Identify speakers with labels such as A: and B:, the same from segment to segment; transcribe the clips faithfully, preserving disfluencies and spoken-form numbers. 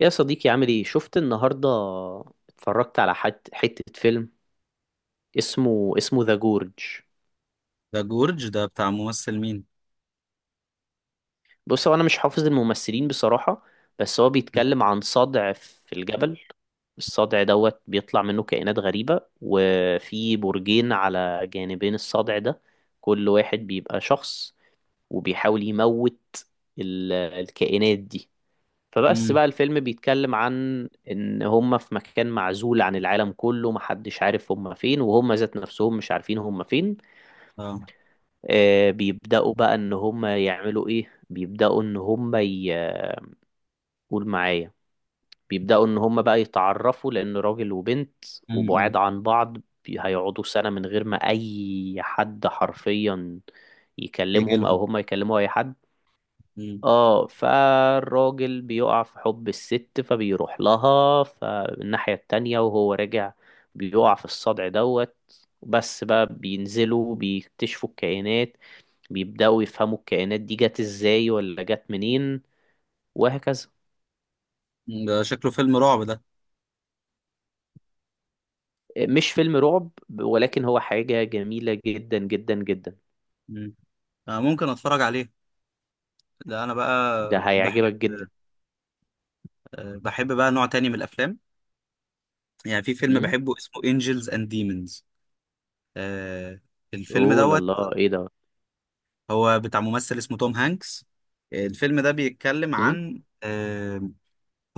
A: يا صديقي، عامل ايه؟ شفت النهارده اتفرجت على حت... حتة فيلم اسمه اسمه ذا جورج.
B: ده جورج ده بتاع ممثل مين؟
A: بص، هو انا مش حافظ الممثلين بصراحة، بس هو بيتكلم عن صدع في الجبل. الصدع دوت بيطلع منه كائنات غريبة، وفي برجين على جانبين الصدع ده، كل واحد بيبقى شخص وبيحاول يموت ال... الكائنات دي. فبس
B: امم.
A: بقى الفيلم بيتكلم عن ان هم في مكان معزول عن العالم كله، محدش عارف هم فين، وهم ذات نفسهم مش عارفين هم فين.
B: اه.
A: آه، بيبدأوا بقى ان هم يعملوا ايه، بيبدأوا ان هم ي- قول معايا، بيبدأوا ان هم بقى يتعرفوا لان راجل وبنت وبعاد
B: امم.
A: عن بعض. بي- هيقعدوا سنة من غير ما اي حد حرفيا
B: يجي
A: يكلمهم
B: لهم.
A: او هم يكلموا اي حد.
B: مم.
A: اه، فالراجل بيقع في حب الست فبيروح لها فالناحية التانية، وهو راجع بيقع في الصدع دوت. بس بقى بينزلوا بيكتشفوا الكائنات، بيبدأوا يفهموا الكائنات دي جت ازاي ولا جت منين، وهكذا.
B: ده شكله فيلم رعب ده؟
A: مش فيلم رعب، ولكن هو حاجة جميلة جدا جدا جدا.
B: مم. آه، ممكن اتفرج عليه. ده انا بقى
A: ده
B: بحب.
A: هيعجبك جدا.
B: آه بحب بقى نوع تاني من الافلام. يعني في فيلم
A: امم.
B: بحبه اسمه انجلز اند ديمونز. الفيلم
A: اوه لا
B: دوت
A: لا، ايه ده؟
B: هو بتاع ممثل اسمه توم هانكس. آه، الفيلم ده بيتكلم
A: امم.
B: عن آه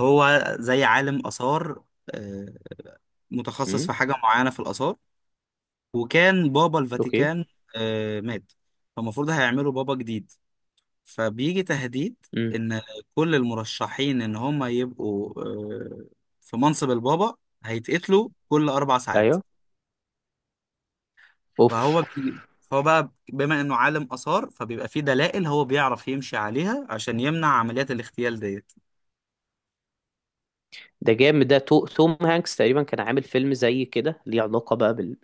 B: هو زي عالم آثار. آه متخصص
A: امم.
B: في حاجة معينة في الآثار. وكان بابا
A: اوكي.
B: الفاتيكان آه، مات. فالمفروض هيعملوا بابا جديد، فبيجي تهديد
A: امم.
B: ان كل المرشحين ان هم يبقوا آه، في منصب البابا، هيتقتلوا كل اربع ساعات.
A: ايوه. اوف.
B: فهو بي... فهو بقى بما انه عالم اثار، فبيبقى فيه دلائل هو بيعرف يمشي عليها عشان يمنع عمليات الاغتيال ديت.
A: ده جامد. ده تو... توم هانكس تقريبا كان عامل فيلم زي كده ليه علاقة بقى بال،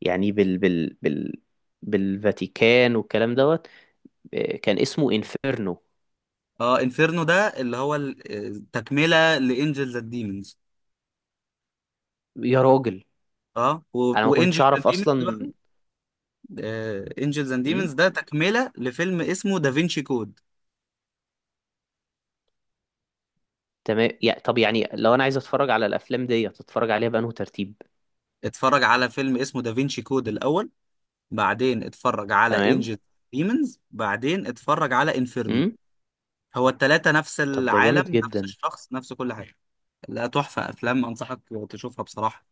A: يعني بال بال بال بالفاتيكان والكلام دوت. آه، كان اسمه انفيرنو.
B: اه، انفيرنو ده اللي هو ال- آه، تكمله لانجلز اند ديمونز.
A: يا راجل،
B: اه و...
A: انا ما كنتش
B: وانجلز اند
A: اعرف
B: ديمونز،
A: اصلا.
B: انجلز اند ديمونز
A: امم.
B: ده تكملة لفيلم اسمه دافينشي كود.
A: تمام، يا طب يعني لو انا عايز اتفرج على الافلام دي اتفرج عليها بأنه ترتيب؟
B: اتفرج على فيلم اسمه دافينشي كود الأول، بعدين اتفرج على
A: تمام.
B: انجلز ديمونز، بعدين اتفرج على انفيرنو.
A: امم.
B: هو التلاتة نفس
A: طب ده جامد
B: العالم، نفس
A: جدا.
B: الشخص، نفس كل حاجة. لا، تحفة أفلام، أنصحك تشوفها بصراحة.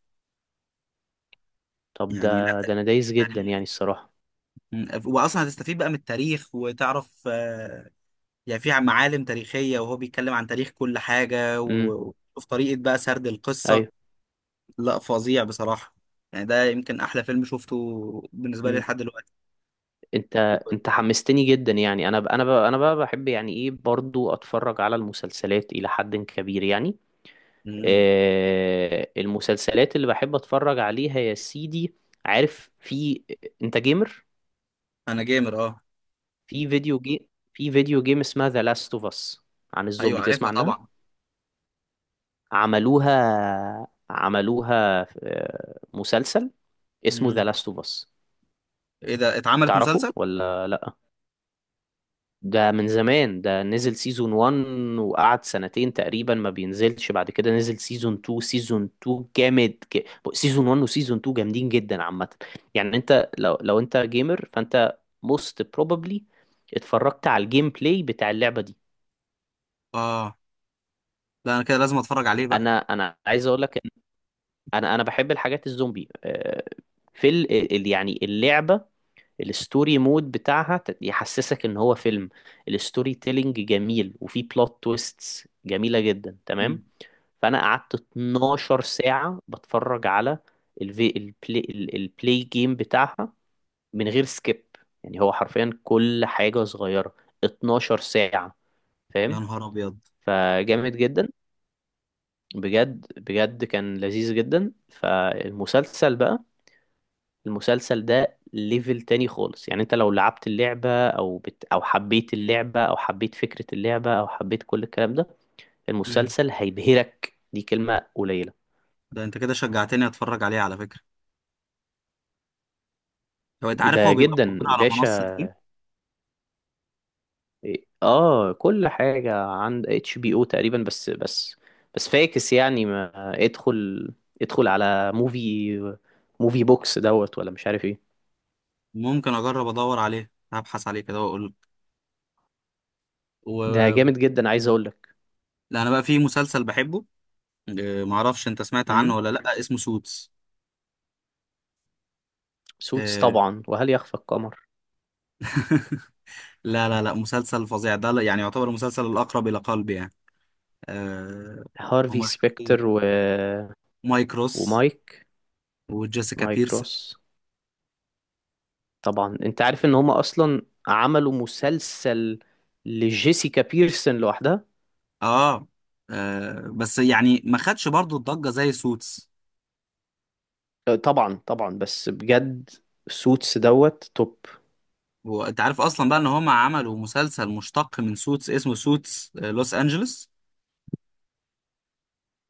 A: طب
B: يعني لا
A: ده ده
B: تاريخ.
A: انا دايس جدا يعني الصراحة.
B: واصلا هتستفيد بقى من التاريخ وتعرف آه، يعني في معالم تاريخيه، وهو بيتكلم عن تاريخ كل حاجه
A: امم.
B: و- وفي طريقه بقى سرد القصه.
A: ايوه.
B: لا، فظيع بصراحة، يعني ده يمكن أحلى فيلم شفته بالنسبة لي لحد دلوقتي.
A: انت، انت حمستني جدا يعني. انا ب... انا ب... انا بقى بحب يعني ايه برضو اتفرج على المسلسلات الى حد كبير يعني.
B: مم.
A: آه، المسلسلات اللي بحب اتفرج عليها يا سيدي، عارف في، انت جيمر؟
B: أنا جيمر، أه.
A: في فيديو جيم، في فيديو جيم اسمها ذا لاست اوف اس عن
B: أيوه
A: الزومبي،
B: عارفها
A: تسمع عنها؟
B: طبعا.
A: عملوها عملوها آه، مسلسل اسمه ذا
B: مم.
A: لاست اوف اس.
B: إيه ده، اتعملت
A: تعرفه
B: مسلسل؟
A: ولا لا؟ ده من زمان، ده نزل سيزون واحد وقعد سنتين تقريبا ما بينزلش، بعد كده نزل سيزون اتنين. سيزون اتنين جامد ك... سيزون واحد وسيزون اتنين جامدين جدا عامة. يعني انت لو لو انت جيمر فانت most probably اتفرجت على الجيم بلاي بتاع اللعبة دي.
B: أه، لا أنا كده لازم أتفرج عليه بقى.
A: انا انا عايز اقول لك إن انا انا بحب الحاجات الزومبي. آه، في ال... ال- يعني اللعبة، الستوري مود بتاعها ت- يحسسك ان هو فيلم. الستوري تيلينج جميل، وفي بلوت تويستس جميلة جدا تمام.
B: مم.
A: فانا قعدت اتناشر ساعه بتفرج على الفي البلاي ال- البلاي جيم بتاعها، من غير سكيب، يعني هو حرفيا كل حاجه صغيره. اتناشر ساعه،
B: يا
A: فاهم؟
B: نهار أبيض.
A: فجامد جدا، بجد بجد كان لذيذ جدا. فالمسلسل بقى، المسلسل ده ليفل تاني خالص. يعني انت لو لعبت اللعبه او بت او حبيت اللعبه او حبيت فكره اللعبه او حبيت كل الكلام ده،
B: مم.
A: المسلسل هيبهرك، دي كلمه قليله.
B: ده أنت كده شجعتني أتفرج عليه على فكرة. لو أنت عارف
A: ده
B: هو بيبقى
A: جدا
B: موجود على منصة
A: باشا.
B: إيه؟
A: إيه، اه، كل حاجة عند اتش بي او تقريبا. بس بس بس فاكس يعني ما. ادخل ادخل على موفي موفي بوكس دوت ولا مش عارف ايه.
B: ممكن أجرب أدور عليه، هبحث عليه كده وأقول لك.
A: ده
B: و...
A: جامد جدا، عايز اقول لك.
B: لا، أنا بقى في مسلسل بحبه. آه، معرفش أنت سمعت عنه
A: امم.
B: ولا لأ، اسمه سوتس.
A: سوتس
B: آه،
A: طبعا، وهل يخفى القمر؟
B: لا لا لا، مسلسل فظيع ده. لا- يعني يعتبر المسلسل الأقرب إلى قلبي يعني. آه
A: هارفي
B: هما
A: سبيكتر
B: شخصية
A: و...
B: مايك روس
A: ومايك،
B: وجيسيكا
A: مايك
B: بيرسون.
A: روس. طبعا انت عارف ان هما اصلا عملوا مسلسل لجيسيكا بيرسون لوحدها.
B: آه, آه بس يعني ما خدش برضو الضجة زي سوتس.
A: آه، طبعا طبعا، بس بجد سوتس دوت توب.
B: وأنت عارف أصلا بقى إن هما عملوا مسلسل مشتق من سوتس اسمه سوتس آه لوس أنجلوس.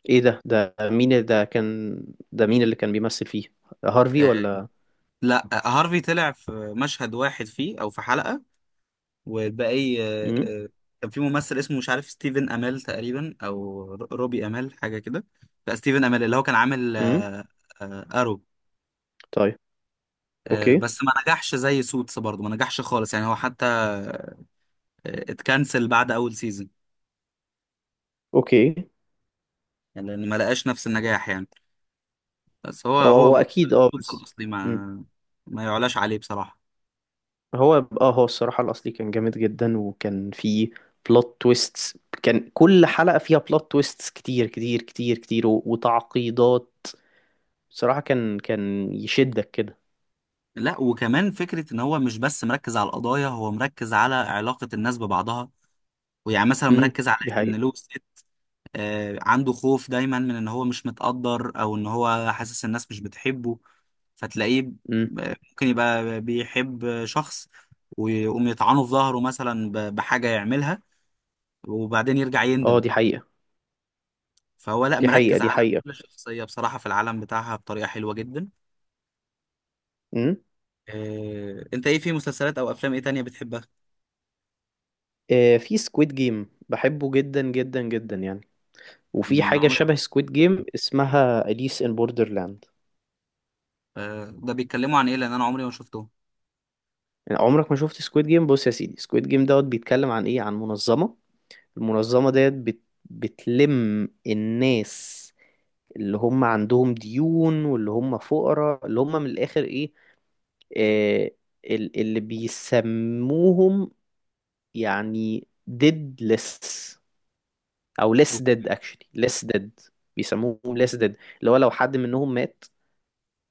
A: ايه ده ده مين ده كان، ده مين اللي كان بيمثل فيه، هارفي
B: آه،
A: ولا؟
B: لا، آه، هارفي طلع في مشهد واحد فيه أو في حلقة. والباقي آه،
A: امم.
B: آه، كان في ممثل اسمه، مش عارف، ستيفن امال تقريبا او ر- روبي امال حاجه كده. لا، ستيفن امال، اللي هو كان عامل
A: امم.
B: آه، آه، ارو.
A: طيب.
B: آه،
A: اوكي.
B: بس ما نجحش زي سوتس برضه، ما نجحش خالص يعني. هو حتى آه، اتكنسل بعد اول سيزون،
A: اوكي.
B: يعني لان ما لقاش نفس النجاح يعني. بس هو،
A: هو هو
B: هو
A: اكيد اه
B: سوتس
A: بس.
B: الاصلي ما
A: امم.
B: ما يعلاش عليه بصراحه.
A: هو. اه، هو الصراحة الاصلي كان جامد جدا وكان فيه بلوت تويستس. كان كل حلقة فيها بلوت تويستس كتير كتير كتير كتير و- وتعقيدات. صراحة كان كان يشدك كده.
B: لا، وكمان فكره ان هو مش بس مركز على القضايا، هو مركز على علاقه الناس ببعضها. ويعني مثلا
A: امم.
B: مركز على
A: دي
B: ان
A: حقيقة.
B: لويس آه، عنده خوف دايما من ان هو مش متقدر، او ان هو حاسس الناس مش بتحبه. فتلاقيه
A: امم.
B: ب- ممكن يبقى بيحب شخص، ويقوم يطعنه في ظهره مثلا ب- بحاجة يعملها، وبعدين يرجع
A: اه،
B: يندم.
A: دي حقيقة.
B: فهو لا،
A: دي حقيقة.
B: مركز
A: دي
B: على
A: حقيقة.
B: كل شخصية بصراحة في العالم بتاعها بطريقة حلوة جدا.
A: امم.
B: آه، انت ايه في مسلسلات او افلام ايه تانية بتحبها؟
A: آه، في سكويد جيم بحبه جدا جدا جدا يعني. وفي
B: أمم،
A: حاجة
B: عمري ما
A: شبه
B: شفت-
A: سكويد جيم اسمها أليس إن بوردرلاند.
B: آه، ده بيتكلموا عن ايه، لان انا عمري ما شفته.
A: يعني عمرك ما شفت سكويد جيم؟ بص يا سيدي، سكويد جيم دوت بيتكلم عن إيه، عن منظمة. المنظمة ديت بت... بتلم الناس اللي هم عندهم ديون واللي هم فقراء اللي هم من الآخر إيه، آه، ال- اللي بيسموهم يعني deadless، أو less
B: أوك.
A: dead, actually less dead. بيسموهم less dead، اللي هو لو حد منهم مات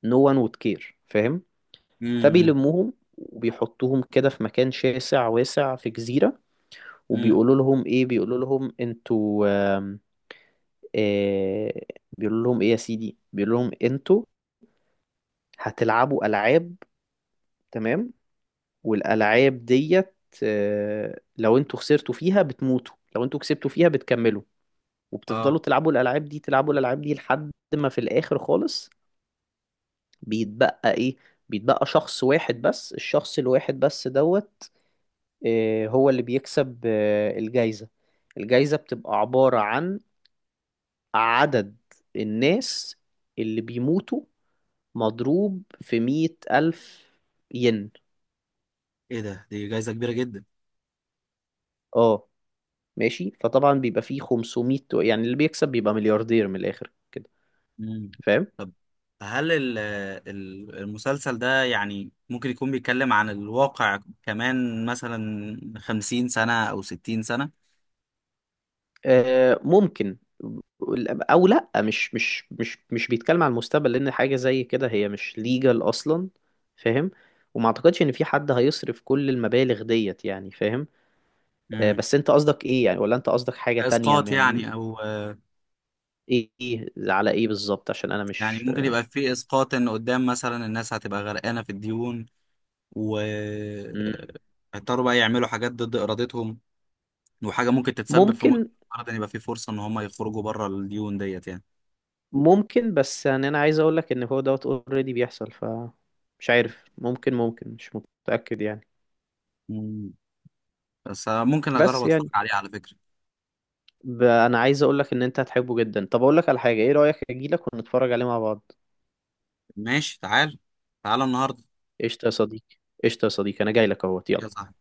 A: no one would care. فاهم؟
B: امم، امم.
A: فبيلموهم وبيحطوهم كده في مكان شاسع واسع في جزيرة،
B: أمم.
A: وبيقولوا لهم ايه، بيقولوا لهم انتوا، آم، آه، بيقولوا لهم ايه يا سيدي، بيقولوا لهم انتوا هتلعبوا ألعاب، تمام، والألعاب ديت، آه، لو انتوا خسرتوا فيها بتموتوا، لو انتوا كسبتوا فيها بتكملوا.
B: اه،
A: وبتفضلوا تلعبوا الألعاب دي، تلعبوا الألعاب دي لحد ما في الآخر خالص بيتبقى ايه، بيتبقى شخص واحد بس. الشخص الواحد بس دوت، آه، هو اللي بيكسب آه، الجايزة. الجايزة بتبقى عبارة عن عدد الناس اللي بيموتوا مضروب في مية ألف ين.
B: ايه ده، دي جايزة كبيرة جدا.
A: اه، ماشي. فطبعا بيبقى فيه خمسمية يعني، اللي بيكسب بيبقى ملياردير من الآخر كده،
B: مم.
A: فاهم؟
B: طب، هل ال- ال- المسلسل ده يعني ممكن يكون بيتكلم عن الواقع كمان، مثلا خمسين سنة أو ستين سنة؟
A: آه ممكن. او لا، مش مش مش مش بيتكلم عن المستقبل، لان حاجه زي كده هي مش ليجال اصلا، فاهم؟ وما اعتقدش ان في حد هيصرف كل المبالغ ديت يعني، فاهم؟ آه،
B: مم.
A: بس انت قصدك ايه يعني؟ ولا انت قصدك حاجة تانية
B: إسقاط
A: يعني،
B: يعني، أو آه،
A: ايه إيه- على ايه بالظبط؟ عشان انا
B: يعني
A: مش.
B: ممكن يبقى في إسقاط إن قدام مثلا الناس هتبقى غرقانة في الديون، و آه،
A: مم.
B: هيضطروا بقى يعملوا حاجات ضد إرادتهم، وحاجة ممكن تتسبب في موت
A: ممكن
B: النهارده. إن يبقى في فرصة إن هم يخرجوا بره الديون ديت يعني.
A: ممكن بس يعني انا عايز اقولك ان هو دوت اوريدي بيحصل. ف مش عارف، ممكن ممكن مش متأكد يعني.
B: مم. بس آه، ممكن أجرب
A: بس
B: أتفرج
A: يعني
B: عليه على فكرة.
A: ب... انا عايز اقولك ان انت هتحبه جدا. طب اقولك على حاجة، ايه رأيك اجيلك ونتفرج عليه مع بعض؟
B: ماشي، تعال، تعال النهاردة،
A: قشطة يا صديقي، قشطة يا صديقي، انا جاي لك اهوت.
B: يا
A: يلا.
B: صاحبي.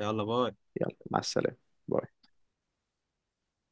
B: يلا، باي.
A: يلا مع السلامة. باي.